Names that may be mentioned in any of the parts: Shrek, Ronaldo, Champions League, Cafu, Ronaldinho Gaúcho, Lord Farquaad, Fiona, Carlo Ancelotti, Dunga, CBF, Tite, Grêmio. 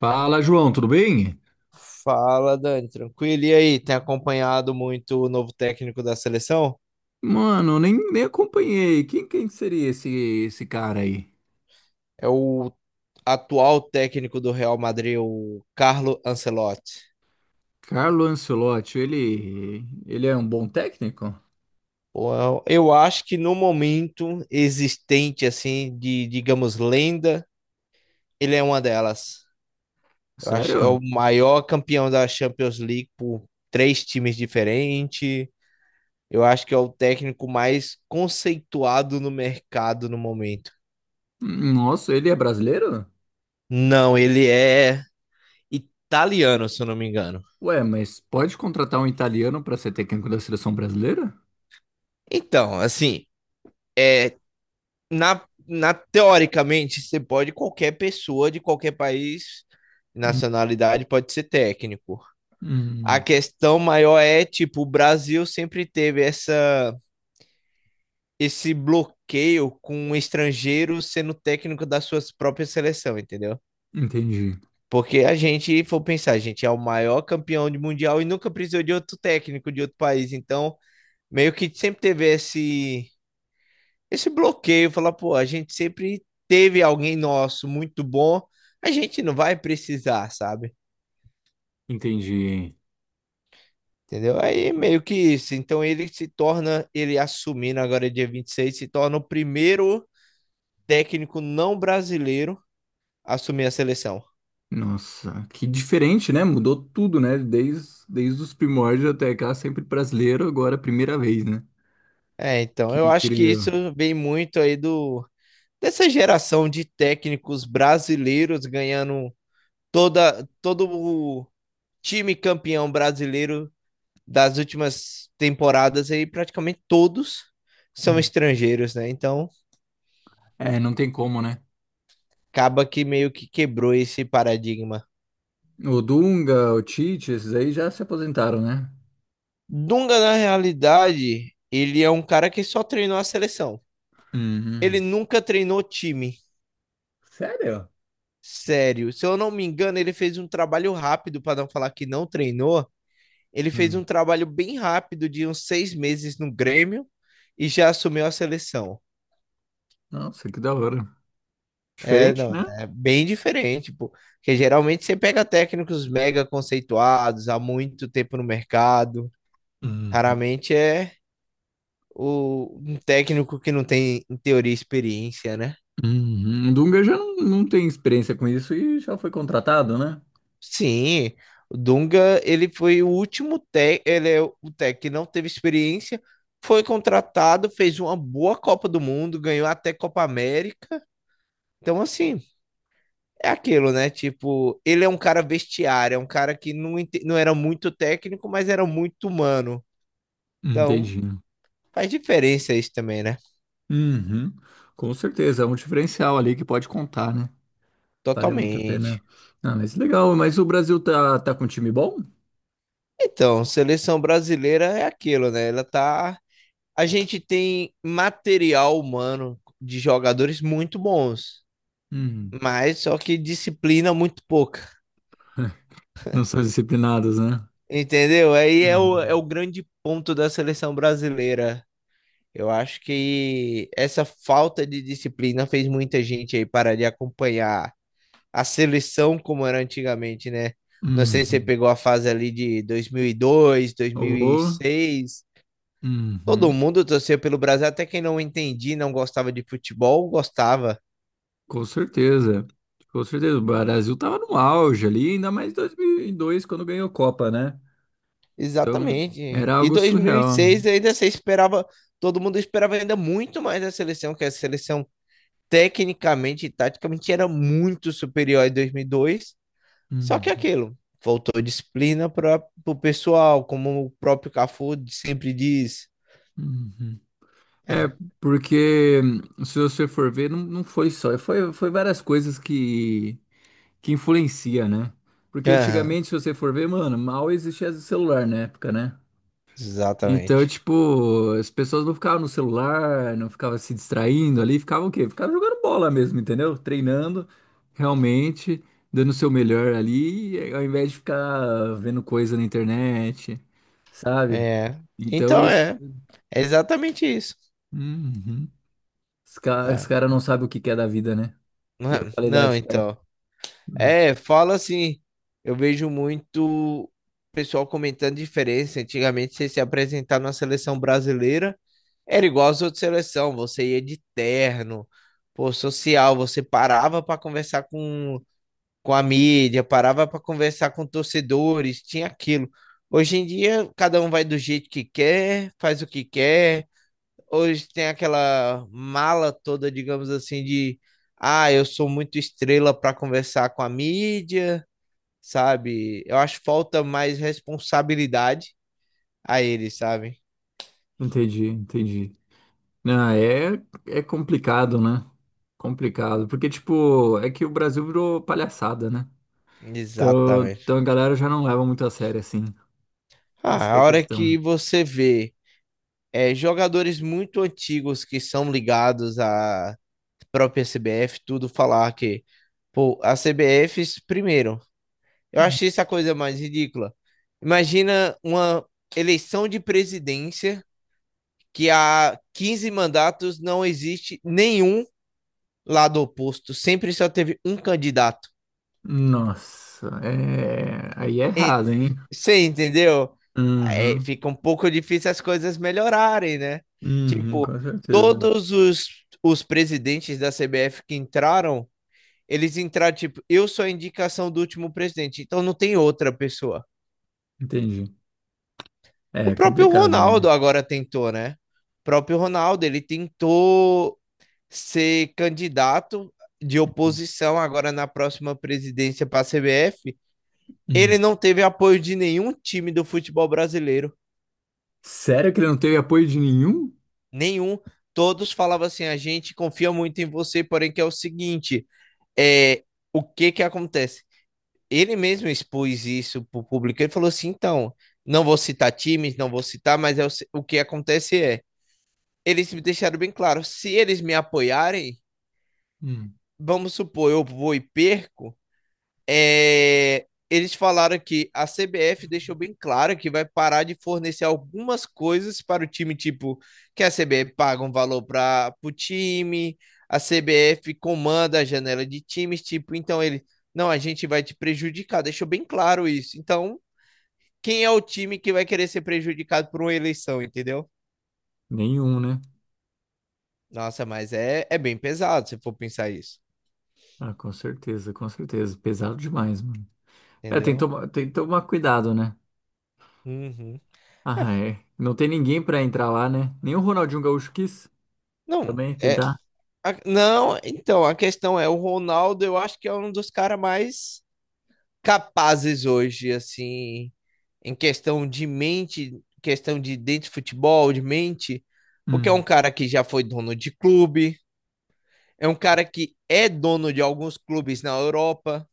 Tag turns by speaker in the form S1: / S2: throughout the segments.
S1: Fala, João, tudo bem?
S2: Fala, Dani, tranquilo? E aí, tem acompanhado muito o novo técnico da seleção?
S1: Mano, nem acompanhei. Quem seria esse cara aí?
S2: É o atual técnico do Real Madrid, o Carlo Ancelotti.
S1: Carlo Ancelotti, ele é um bom técnico?
S2: Bom, eu acho que no momento existente, assim, de, digamos, lenda, ele é uma delas. Eu acho que é
S1: Sério?
S2: o maior campeão da Champions League por três times diferentes. Eu acho que é o técnico mais conceituado no mercado no momento.
S1: Nossa, ele é brasileiro?
S2: Não, ele é italiano, se eu não me engano.
S1: Ué, mas pode contratar um italiano para ser técnico da seleção brasileira?
S2: Então, assim, na teoricamente, você pode, qualquer pessoa de qualquer país,
S1: Hum,
S2: nacionalidade, pode ser técnico. A
S1: hum,
S2: questão maior é, tipo, o Brasil sempre teve esse bloqueio com o estrangeiro sendo técnico da sua própria seleção, entendeu?
S1: entendi,
S2: Porque a gente for pensar, a gente é o maior campeão de mundial e nunca precisou de outro técnico de outro país. Então, meio que sempre teve esse bloqueio, falar, pô, a gente sempre teve alguém nosso muito bom, a gente não vai precisar, sabe?
S1: entendi.
S2: Entendeu? Aí é
S1: Ué,
S2: meio que isso. Então ele se torna, ele assumindo agora dia 26 se torna o primeiro técnico não brasileiro a assumir a seleção.
S1: nossa, que diferente, né? Mudou tudo, né? Desde os primórdios até cá, sempre brasileiro, agora é a primeira vez, né?
S2: É, então
S1: Que
S2: eu acho que isso
S1: incrível.
S2: vem muito aí do dessa geração de técnicos brasileiros ganhando toda todo o time campeão brasileiro das últimas temporadas aí, praticamente todos são estrangeiros, né? Então,
S1: É, não tem como, né?
S2: acaba que meio que quebrou esse paradigma.
S1: O Dunga, o Tite, esses aí já se aposentaram, né?
S2: Dunga, na realidade, ele é um cara que só treinou a seleção.
S1: Uhum.
S2: Ele nunca treinou time
S1: Sério?
S2: sério. Se eu não me engano, ele fez um trabalho rápido, para não falar que não treinou. Ele fez um
S1: Uhum.
S2: trabalho bem rápido de uns 6 meses no Grêmio e já assumiu a seleção.
S1: Nossa, que da hora.
S2: É,
S1: Diferente,
S2: não,
S1: né?
S2: é bem diferente, pô. Porque geralmente você pega técnicos mega conceituados há muito tempo no mercado.
S1: Uhum.
S2: Raramente é um técnico que não tem, em teoria, experiência, né?
S1: Uhum. O Dunga já não tem experiência com isso e já foi contratado, né?
S2: Sim, o Dunga, ele foi o último técnico, ele é o técnico que não teve experiência, foi contratado, fez uma boa Copa do Mundo, ganhou até Copa América. Então, assim, é aquilo, né? Tipo, ele é um cara vestiário, é um cara que não, não era muito técnico, mas era muito humano. Então,
S1: Entendi.
S2: faz diferença isso também, né?
S1: Uhum. Com certeza, é um diferencial ali que pode contar, né? Vale muito a
S2: Totalmente.
S1: pena. Ah, mas legal, mas o Brasil tá com um time bom?
S2: Então, seleção brasileira é aquilo, né? Ela tá. A gente tem material humano de jogadores muito bons,
S1: Uhum.
S2: mas só que disciplina muito pouca.
S1: Não são disciplinados, né?
S2: Entendeu? Aí é o, é
S1: Uhum.
S2: o grande ponto da seleção brasileira. Eu acho que essa falta de disciplina fez muita gente aí parar de acompanhar a seleção como era antigamente, né? Não sei se você
S1: Uhum.
S2: pegou a fase ali de 2002,
S1: Ô,
S2: 2006. Todo
S1: uhum.
S2: mundo torcia pelo Brasil, até quem não entendia, não gostava de futebol, gostava.
S1: Com certeza, com certeza. O Brasil tava no auge ali, ainda mais em 2002, quando ganhou a Copa, né? Então,
S2: Exatamente.
S1: era
S2: E
S1: algo surreal.
S2: 2006 ainda você esperava, todo mundo esperava ainda muito mais a seleção, que a seleção tecnicamente e taticamente era muito superior em 2002. Só que é
S1: Uhum,
S2: aquilo, faltou disciplina para o pessoal, como o próprio Cafu sempre diz.
S1: uhum. É,
S2: É,
S1: porque se você for ver, não foi só, foi várias coisas que influencia, né? Porque
S2: aham,
S1: antigamente, se você for ver, mano, mal existia celular na época, né? Então,
S2: exatamente.
S1: tipo, as pessoas não ficavam no celular, não ficavam se distraindo ali, ficavam o quê? Ficavam jogando bola mesmo, entendeu? Treinando, realmente, dando o seu melhor ali, ao invés de ficar vendo coisa na internet, sabe?
S2: É,
S1: Então,
S2: então
S1: isso.
S2: é exatamente isso,
S1: Uhum. Os
S2: tá?
S1: caras não sabem o que que é da vida, né?
S2: Não,
S1: E a
S2: é, não,
S1: qualidade cai.
S2: então,
S1: Hum,
S2: é, fala assim, eu vejo muito pessoal comentando diferença. Antigamente, você se apresentar na seleção brasileira era igual às outras seleções, você ia de terno, pô, social, você parava para conversar com a mídia, parava para conversar com torcedores, tinha aquilo. Hoje em dia, cada um vai do jeito que quer, faz o que quer. Hoje tem aquela mala toda, digamos assim, de ah, eu sou muito estrela para conversar com a mídia, sabe? Eu acho que falta mais responsabilidade a eles, sabe?
S1: Entendi, entendi. Não, é, é complicado, né? Complicado. Porque, tipo, é que o Brasil virou palhaçada, né? Então, então a
S2: Exatamente.
S1: galera já não leva muito a sério assim. Essa
S2: Ah,
S1: que é
S2: a
S1: a
S2: hora que
S1: questão.
S2: você vê é, jogadores muito antigos que são ligados à própria CBF, tudo falar que, pô, a CBF, primeiro, eu achei essa coisa mais ridícula. Imagina uma eleição de presidência que há 15 mandatos não existe nenhum lado oposto, sempre só teve um candidato.
S1: Nossa, é aí é errado,
S2: Ent-
S1: hein?
S2: Você entendeu? É,
S1: Uhum,
S2: fica um pouco difícil as coisas melhorarem, né?
S1: uhum,
S2: Tipo,
S1: com certeza.
S2: todos os presidentes da CBF que entraram, eles entraram, tipo, eu sou a indicação do último presidente, então não tem outra pessoa.
S1: Entendi.
S2: O
S1: É
S2: próprio
S1: complicado,
S2: Ronaldo
S1: né?
S2: agora tentou, né? O próprio Ronaldo, ele tentou ser candidato de oposição agora na próxima presidência para a CBF. Ele
S1: Hum.
S2: não teve apoio de nenhum time do futebol brasileiro.
S1: Sério que ele não teve apoio de nenhum?
S2: Nenhum. Todos falavam assim: a gente confia muito em você, porém que é o seguinte, é, o que que acontece? Ele mesmo expôs isso para o público. Ele falou assim: então, não vou citar times, não vou citar, mas é o que acontece é, eles me deixaram bem claro, se eles me apoiarem,
S1: Hum,
S2: vamos supor, eu vou e perco, é, eles falaram que a CBF deixou bem claro que vai parar de fornecer algumas coisas para o time, tipo, que a CBF paga um valor para o time, a CBF comanda a janela de times, tipo, então ele, não, a gente vai te prejudicar, deixou bem claro isso. Então, quem é o time que vai querer ser prejudicado por uma eleição, entendeu?
S1: Nenhum, né?
S2: Nossa, mas é bem pesado se for pensar isso,
S1: Ah, com certeza, com certeza. Pesado demais, mano. É,
S2: entendeu?
S1: tem que tomar cuidado, né?
S2: Uhum.
S1: Ah, é. Não tem ninguém pra entrar lá, né? Nem o Ronaldinho Gaúcho quis
S2: Não,
S1: também
S2: é.
S1: tentar.
S2: Não, então, a questão é, o Ronaldo, eu acho que é um dos caras mais capazes hoje, assim, em questão de mente, questão de dentro de futebol, de mente, porque é um
S1: Hum,
S2: cara que já foi dono de clube, é um cara que é dono de alguns clubes na Europa,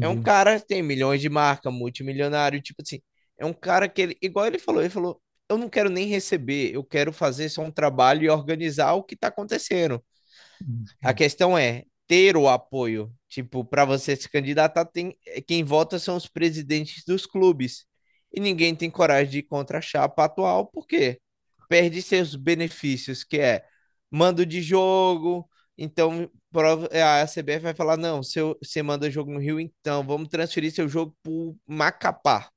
S2: é um cara que tem milhões de marca, multimilionário, tipo assim, é um cara que ele, igual ele falou, eu não quero nem receber, eu quero fazer só um trabalho e organizar o que tá acontecendo.
S1: Hum.
S2: A questão é ter o apoio. Tipo, para você se candidatar, tem, quem vota são os presidentes dos clubes. E ninguém tem coragem de ir contra a chapa atual, porque perde seus benefícios, que é mando de jogo. Então, a CBF vai falar: não, seu, você manda jogo no Rio, então vamos transferir seu jogo para Macapá.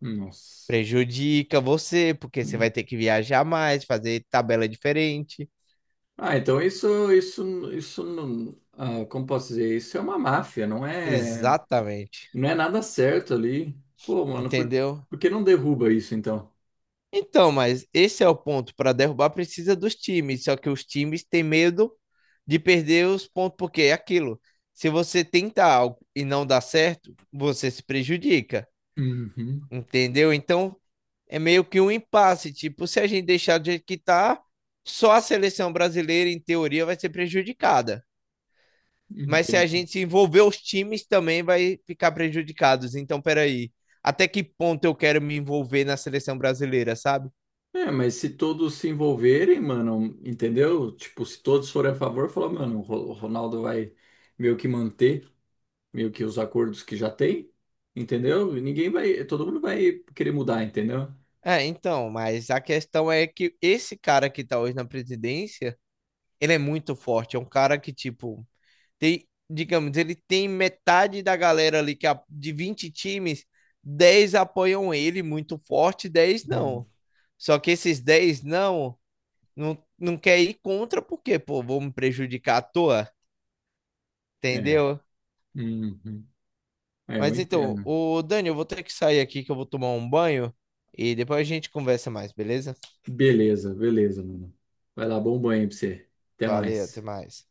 S1: Nossa.
S2: Prejudica você, porque você vai
S1: Hum.
S2: ter que viajar mais, fazer tabela diferente.
S1: Ah, então isso, ah, como posso dizer, isso é uma máfia, não é,
S2: Exatamente.
S1: não é nada certo ali. Pô, mano,
S2: Entendeu?
S1: por que não derruba isso então?
S2: Então, mas esse é o ponto. Para derrubar, precisa dos times. Só que os times têm medo de perder os pontos, porque é aquilo. Se você tenta algo e não dá certo, você se prejudica,
S1: Uhum,
S2: entendeu? Então, é meio que um impasse. Tipo, se a gente deixar do jeito que tá, só a seleção brasileira, em teoria, vai ser prejudicada. Mas se a
S1: entendi.
S2: gente envolver os times, também vai ficar prejudicados. Então, peraí. Até que ponto eu quero me envolver na seleção brasileira, sabe?
S1: É, mas se todos se envolverem, mano, entendeu? Tipo, se todos forem a favor, falar, mano, o Ronaldo vai meio que manter, meio que os acordos que já tem, entendeu? E ninguém vai, todo mundo vai querer mudar, entendeu?
S2: É, então, mas a questão é que esse cara que tá hoje na presidência, ele é muito forte. É um cara que, tipo, tem, digamos, ele tem metade da galera ali, que de 20 times, 10 apoiam ele muito forte, Dez
S1: Hum.
S2: não. Só que esses 10 não quer ir contra, porque, pô, vou me prejudicar à toa,
S1: É.
S2: entendeu?
S1: Uhum. É, eu
S2: Mas então,
S1: entendo.
S2: o Dani, eu vou ter que sair aqui que eu vou tomar um banho e depois a gente conversa mais, beleza?
S1: Beleza, beleza, mano. Vai lá, bom banho aí pra você. Até
S2: Valeu, até
S1: mais.
S2: mais.